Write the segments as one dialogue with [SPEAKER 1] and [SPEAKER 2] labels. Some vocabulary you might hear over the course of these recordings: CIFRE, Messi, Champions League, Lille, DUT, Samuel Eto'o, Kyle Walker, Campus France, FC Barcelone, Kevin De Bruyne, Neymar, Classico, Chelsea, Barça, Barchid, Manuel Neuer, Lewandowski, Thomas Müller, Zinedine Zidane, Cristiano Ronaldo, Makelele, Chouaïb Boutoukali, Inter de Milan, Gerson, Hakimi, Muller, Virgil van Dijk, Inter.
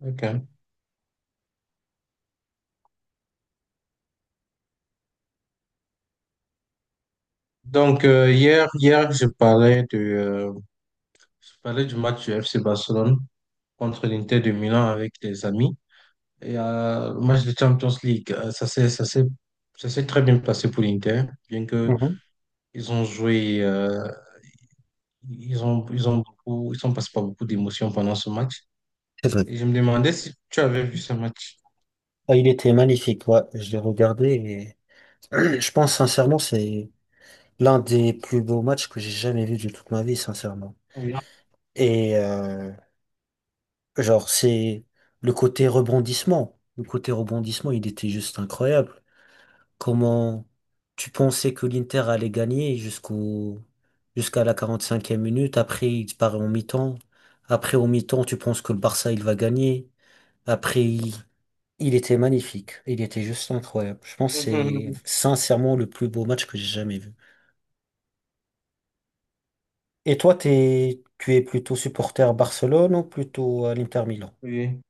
[SPEAKER 1] Ok. Donc hier, je parlais du match du FC Barcelone contre l'Inter de Milan avec des amis. Et le match de Champions League, ça s'est très bien passé pour l'Inter, bien que
[SPEAKER 2] Mhm.
[SPEAKER 1] ils ont joué, euh, ils ont beaucoup, ils sont passés par beaucoup d'émotions pendant ce match.
[SPEAKER 2] C'est vrai.
[SPEAKER 1] Et je me demandais si tu avais vu ce match.
[SPEAKER 2] Ah, il était magnifique, ouais, je l'ai regardé et je pense sincèrement c'est l'un des plus beaux matchs que j'ai jamais vu de toute ma vie, sincèrement.
[SPEAKER 1] Oui.
[SPEAKER 2] Et euh, genre c'est le côté rebondissement. Le côté rebondissement, il était juste incroyable. Comment tu pensais que l'Inter allait gagner jusqu'à la 45e minute, après il disparaît en mi-temps. Après au mi-temps, tu penses que le Barça il va gagner. Après, il... Il était magnifique. Il était juste incroyable. Je pense que c'est
[SPEAKER 1] Mhm.
[SPEAKER 2] sincèrement le plus beau match que j'ai jamais vu. Et toi, tu es plutôt supporter Barcelone ou plutôt à l'Inter Milan?
[SPEAKER 1] Oui.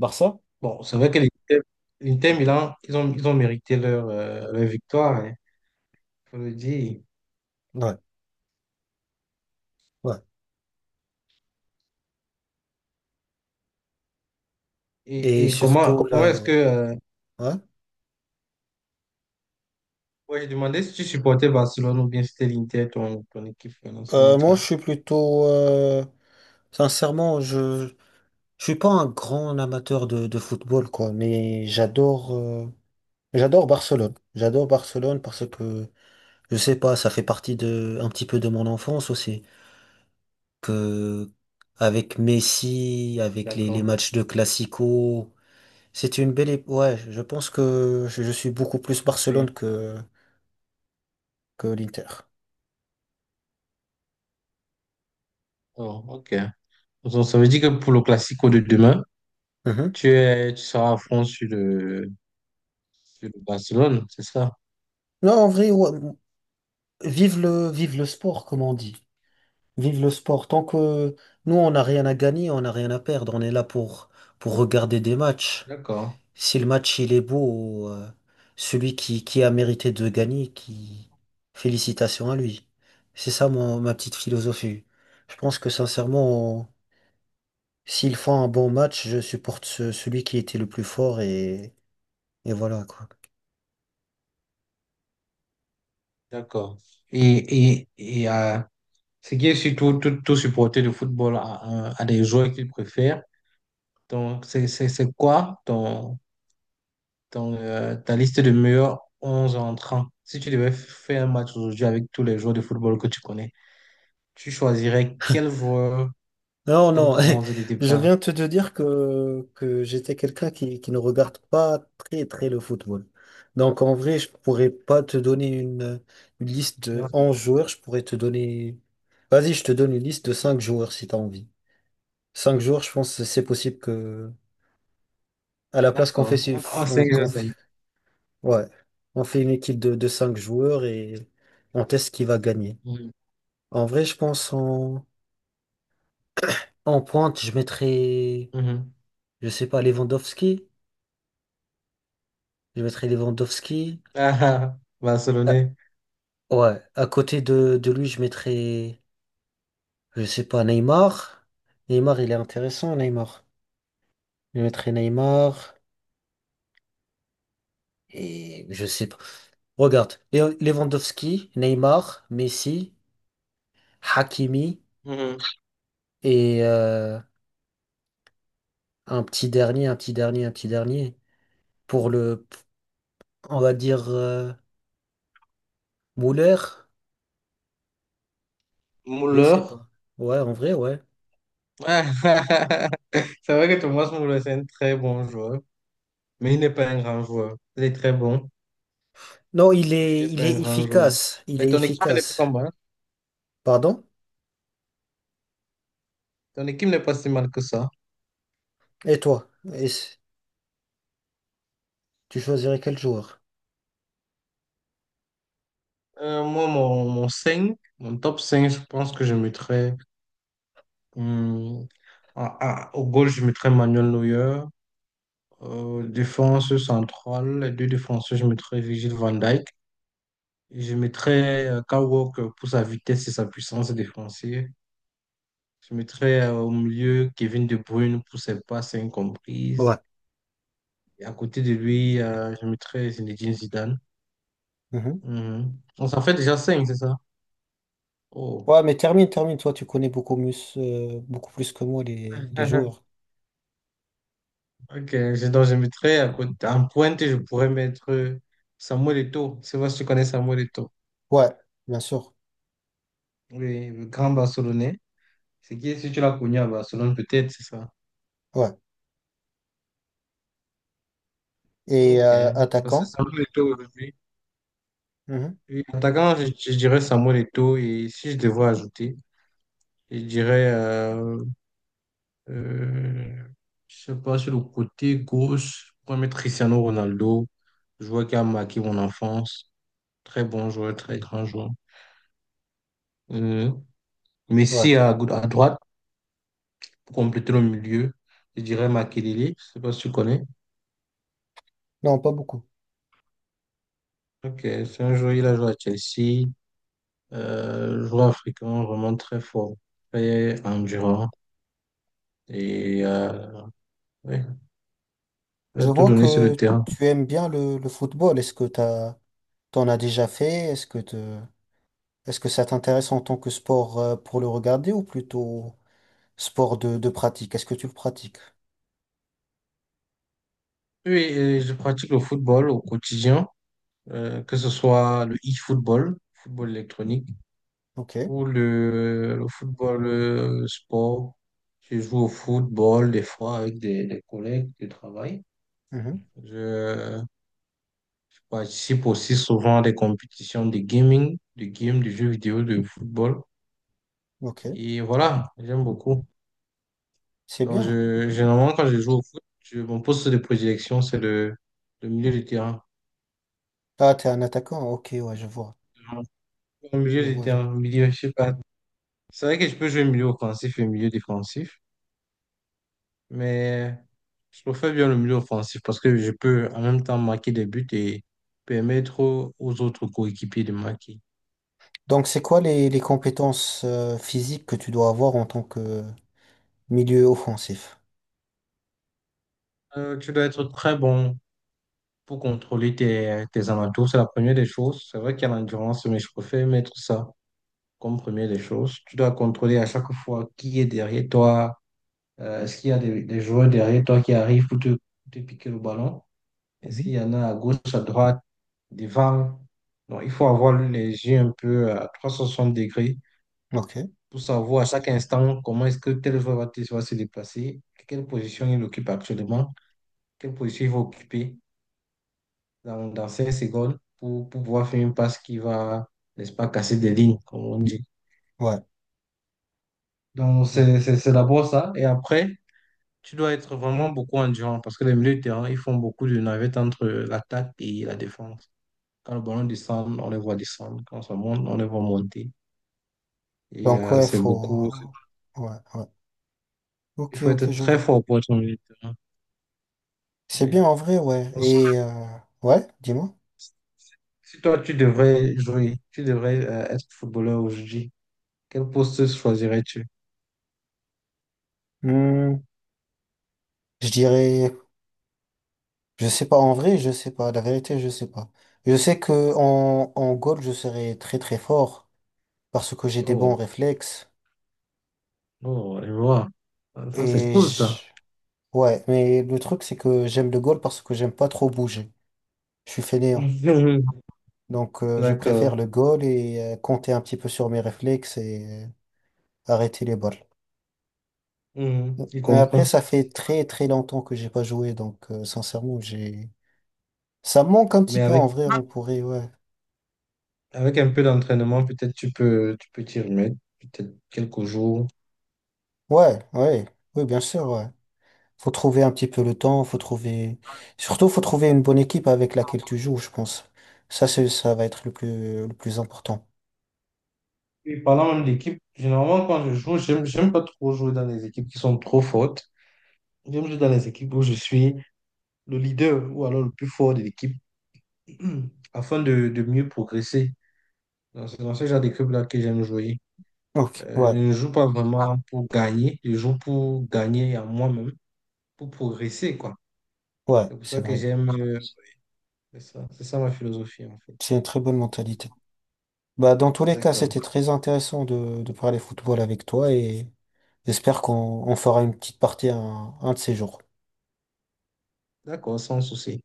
[SPEAKER 2] Barça?
[SPEAKER 1] Bon, c'est vrai que l'Inter Milan, ils ont mérité leur victoire, il faut le dire.
[SPEAKER 2] Ouais, ouais. Et surtout
[SPEAKER 1] Comment
[SPEAKER 2] là,
[SPEAKER 1] est-ce que...
[SPEAKER 2] ouais.
[SPEAKER 1] ouais, je demandais si tu supportais Barcelone ou bien si c'était l'Inter, ton équipe dans ce
[SPEAKER 2] Moi, je
[SPEAKER 1] match-là.
[SPEAKER 2] suis plutôt, sincèrement, je suis pas un grand amateur de football, quoi, mais j'adore, j'adore Barcelone. J'adore Barcelone parce que, je sais pas, ça fait partie de, un petit peu de mon enfance aussi. Que avec Messi, avec les
[SPEAKER 1] D'accord.
[SPEAKER 2] matchs de Classico, c'est une belle... Ouais, je pense que je suis beaucoup plus
[SPEAKER 1] Oui.
[SPEAKER 2] Barcelone que l'Inter.
[SPEAKER 1] Oh, ok. Donc, ça veut dire que pour le Classico de demain,
[SPEAKER 2] Mhm.
[SPEAKER 1] tu seras à fond sur sur le Barcelone, c'est ça?
[SPEAKER 2] Non, en vrai, ouais, vive le sport, comme on dit. Vive le sport. Tant que nous, on n'a rien à gagner, on n'a rien à perdre. On est là pour regarder des matchs.
[SPEAKER 1] D'accord,
[SPEAKER 2] Si le match il est beau, celui qui a mérité de gagner, qui félicitations à lui. C'est ça mon, ma petite philosophie. Je pense que sincèrement, s'ils font un bon match, je supporte celui qui était le plus fort et voilà quoi.
[SPEAKER 1] d'accord. Et ce qui est surtout tout supporter de football à des joueurs qu'ils préfèrent. Donc, c'est quoi ton, dans ta liste de meilleurs 11 entrants, si tu devais faire un match aujourd'hui avec tous les joueurs de football que tu connais, tu choisirais quel joueur
[SPEAKER 2] Non,
[SPEAKER 1] dans
[SPEAKER 2] non,
[SPEAKER 1] ton 11 de
[SPEAKER 2] je
[SPEAKER 1] départ?
[SPEAKER 2] viens de te dire que j'étais quelqu'un qui ne regarde pas très très le football. Donc en vrai, je pourrais pas te donner une liste de
[SPEAKER 1] Non,
[SPEAKER 2] 11 joueurs, je pourrais te donner... Vas-y, je te donne une liste de 5 joueurs si tu as envie. 5 joueurs, je pense que c'est possible que... À la place qu'on fait...
[SPEAKER 1] d'accord. Oh,
[SPEAKER 2] On,
[SPEAKER 1] c'est Gerson.
[SPEAKER 2] ouais, on fait une équipe de 5 joueurs et on teste qui va gagner.
[SPEAKER 1] Mhm.
[SPEAKER 2] En vrai, je pense en pointe, je mettrais,
[SPEAKER 1] Mhm.
[SPEAKER 2] je sais pas, Lewandowski. Je mettrais Lewandowski.
[SPEAKER 1] Ah, ah,
[SPEAKER 2] Ah,
[SPEAKER 1] Barcelonais.
[SPEAKER 2] ouais, à côté de lui, je mettrais, je sais pas, Neymar. Neymar, il est intéressant, Neymar. Je mettrais Neymar. Et je sais pas. Regarde, Lewandowski, Neymar, Messi, Hakimi
[SPEAKER 1] Mhm.
[SPEAKER 2] et euh, un petit dernier. Pour le, on va dire, Muller, je sais
[SPEAKER 1] Müller.
[SPEAKER 2] pas. Ouais, en vrai, ouais.
[SPEAKER 1] Ah, ah, ah. C'est vrai que Thomas Müller, c'est un très bon joueur, mais il n'est pas un grand joueur. Il est très bon,
[SPEAKER 2] Non,
[SPEAKER 1] mais il n'est
[SPEAKER 2] il
[SPEAKER 1] pas
[SPEAKER 2] est
[SPEAKER 1] un grand joueur.
[SPEAKER 2] efficace. Il
[SPEAKER 1] Mais
[SPEAKER 2] est
[SPEAKER 1] ton équipe, elle est
[SPEAKER 2] efficace.
[SPEAKER 1] pas mal.
[SPEAKER 2] Pardon?
[SPEAKER 1] Ton équipe n'est pas si mal que ça.
[SPEAKER 2] Et toi, et c- tu choisirais quel joueur?
[SPEAKER 1] Moi, mon 5 mon top 5 je pense que je mettrais hum, au goal, je mettrais Manuel Neuer. Défense centrale, les deux défenseurs, je mettrais Virgil van Dijk. Et je mettrais Kyle Walker pour sa vitesse et sa puissance défensive. Je mettrais au milieu Kevin De Bruyne pour ses passes incomprises.
[SPEAKER 2] Ouais.
[SPEAKER 1] Et à côté de lui, je mettrais Zinedine Zidane.
[SPEAKER 2] Mhm.
[SPEAKER 1] Mhm. On s'en fait déjà 5 c'est ça? Oh.
[SPEAKER 2] Ouais, mais termine, termine, toi, tu connais beaucoup mieux, beaucoup plus que moi les joueurs.
[SPEAKER 1] Ok, donc je mettrais à côté, en pointe, je pourrais mettre Samuel Eto'o. C'est sais si tu connais Samuel Eto'o,
[SPEAKER 2] Ouais, bien sûr.
[SPEAKER 1] oui, le grand Barcelonais. C'est qui, si tu l'as connu à Barcelone, peut-être, c'est ça.
[SPEAKER 2] Ouais.
[SPEAKER 1] Ok, parce que
[SPEAKER 2] Attaquant?
[SPEAKER 1] Samuel Eto'o aujourd'hui.
[SPEAKER 2] Mhm.
[SPEAKER 1] Oui, attaquant, je dirais Samuel Eto'o. Et si je devais ajouter, je dirais, euh, je sais pas, sur le côté gauche, je pourrais mettre Cristiano Ronaldo, joueur qui a marqué mon enfance. Très bon joueur, très grand joueur. Euh,
[SPEAKER 2] Ouais.
[SPEAKER 1] Messi à, à droite. Pour compléter le milieu, je dirais Makelele, je sais pas si tu connais.
[SPEAKER 2] Non, pas beaucoup.
[SPEAKER 1] Ok, c'est un joueur, il a joué à Chelsea, joueur africain vraiment très fort, très endurant et ouais, il
[SPEAKER 2] Je
[SPEAKER 1] a tout
[SPEAKER 2] vois
[SPEAKER 1] donné sur le
[SPEAKER 2] que
[SPEAKER 1] terrain.
[SPEAKER 2] tu aimes bien le football. Est-ce que t'as, t'en as déjà fait? Est-ce que te, est-ce que ça t'intéresse en tant que sport pour le regarder ou plutôt sport de pratique? Est-ce que tu le pratiques?
[SPEAKER 1] Oui, et je pratique le football au quotidien, que ce soit le e-football, football électronique,
[SPEAKER 2] Ok.
[SPEAKER 1] ou le football le sport. Je joue au football des fois avec des collègues de travail.
[SPEAKER 2] Mhm.
[SPEAKER 1] Je participe aussi souvent à des compétitions de gaming, de games, de jeux vidéo, de football.
[SPEAKER 2] Ok.
[SPEAKER 1] Et voilà, j'aime beaucoup.
[SPEAKER 2] C'est
[SPEAKER 1] Donc,
[SPEAKER 2] bien.
[SPEAKER 1] généralement, quand je joue au foot, je, mon poste de prédilection, c'est le milieu de terrain.
[SPEAKER 2] Ah, t'es un attaquant. Ok, ouais, je vois.
[SPEAKER 1] Au milieu
[SPEAKER 2] Je
[SPEAKER 1] de
[SPEAKER 2] vois, je vois.
[SPEAKER 1] terrain, milieu, je sais pas. C'est vrai que je peux jouer milieu offensif et milieu défensif. Mais je préfère bien le milieu offensif parce que je peux en même temps marquer des buts et permettre aux aux autres coéquipiers de marquer.
[SPEAKER 2] Donc, c'est quoi les compétences physiques que tu dois avoir en tant que milieu offensif?
[SPEAKER 1] Tu dois être très bon pour contrôler tes, tes alentours. C'est la première des choses. C'est vrai qu'il y a l'endurance, mais je préfère mettre ça comme première des choses. Tu dois contrôler à chaque fois qui est derrière toi. Est-ce qu'il y a des joueurs derrière toi qui arrivent pour te, te piquer le ballon? Est-ce
[SPEAKER 2] Mhm.
[SPEAKER 1] qu'il y en a à gauche, à droite, devant? Donc, il faut avoir les yeux un peu à 360 degrés
[SPEAKER 2] Ok,
[SPEAKER 1] pour savoir à chaque instant comment est-ce que tel joueur va se déplacer, quelle position il occupe actuellement, quelle position il va occuper dans 5 secondes pour pouvoir faire une passe qui va, n'est-ce pas, casser des lignes, comme on dit.
[SPEAKER 2] ouais,
[SPEAKER 1] Donc,
[SPEAKER 2] ouais.
[SPEAKER 1] c'est d'abord ça. Et après, tu dois être vraiment beaucoup endurant parce que les milieux de terrain, ils font beaucoup de navettes entre l'attaque et la défense. Quand le ballon descend, on les voit descendre. Quand ça monte, on les voit monter. Et
[SPEAKER 2] Donc, ouais,
[SPEAKER 1] c'est beaucoup.
[SPEAKER 2] faut. Ouais, ouais.
[SPEAKER 1] Il
[SPEAKER 2] Ok,
[SPEAKER 1] faut
[SPEAKER 2] ok,
[SPEAKER 1] être
[SPEAKER 2] je
[SPEAKER 1] très
[SPEAKER 2] vois.
[SPEAKER 1] fort pour être au milieu de terrain.
[SPEAKER 2] C'est
[SPEAKER 1] Ouais.
[SPEAKER 2] bien en vrai, ouais. Et, ouais, dis-moi.
[SPEAKER 1] Si toi, tu devrais jouer, tu devrais être footballeur aujourd'hui, quel poste choisirais-tu?
[SPEAKER 2] Hmm, je dirais, je sais pas en vrai, je sais pas. La vérité, je sais pas. Je sais que en goal, je serais très très fort parce que j'ai des bons
[SPEAKER 1] Oh,
[SPEAKER 2] réflexes.
[SPEAKER 1] oh, je vois. Ah, ça, c'est
[SPEAKER 2] Et
[SPEAKER 1] cool,
[SPEAKER 2] je...
[SPEAKER 1] ça.
[SPEAKER 2] ouais, mais le truc, c'est que j'aime le goal parce que j'aime pas trop bouger. Je suis fainéant. Donc, je préfère
[SPEAKER 1] D'accord.
[SPEAKER 2] le goal compter un petit peu sur mes réflexes arrêter les balles.
[SPEAKER 1] Mhm, il
[SPEAKER 2] Et après,
[SPEAKER 1] comprend.
[SPEAKER 2] ça fait très très longtemps que j'ai pas joué, donc sincèrement, j'ai ça me manque un petit
[SPEAKER 1] Mais
[SPEAKER 2] peu
[SPEAKER 1] avec,
[SPEAKER 2] en vrai. On pourrait, ouais,
[SPEAKER 1] avec un peu d'entraînement, peut-être tu peux t'y remettre, peut-être quelques jours.
[SPEAKER 2] ouais, ouais, oui, bien sûr, ouais. Faut trouver un petit peu le temps, faut trouver, surtout faut trouver une bonne équipe avec laquelle tu joues, je pense. Ça, c'est, ça va être le plus important.
[SPEAKER 1] Et parlant même d'équipe, généralement, quand je joue, j'aime, j'aime pas trop jouer dans les équipes qui sont trop fortes. J'aime jouer dans les équipes où je suis le leader ou alors le plus fort de l'équipe afin de mieux progresser. Donc, c'est dans ce genre de club-là que j'aime jouer.
[SPEAKER 2] Ok,
[SPEAKER 1] Je
[SPEAKER 2] ouais,
[SPEAKER 1] ne joue pas vraiment pour gagner, je joue pour gagner à moi-même, pour progresser, quoi.
[SPEAKER 2] ouais,
[SPEAKER 1] C'est pour
[SPEAKER 2] c'est
[SPEAKER 1] ça que
[SPEAKER 2] vrai.
[SPEAKER 1] j'aime. C'est ça ma philosophie, en fait.
[SPEAKER 2] C'est une très bonne mentalité. Bah, dans tous les cas,
[SPEAKER 1] D'accord.
[SPEAKER 2] c'était très intéressant de parler football avec toi et j'espère qu'on on fera une petite partie un de ces jours.
[SPEAKER 1] D'accord, sans souci.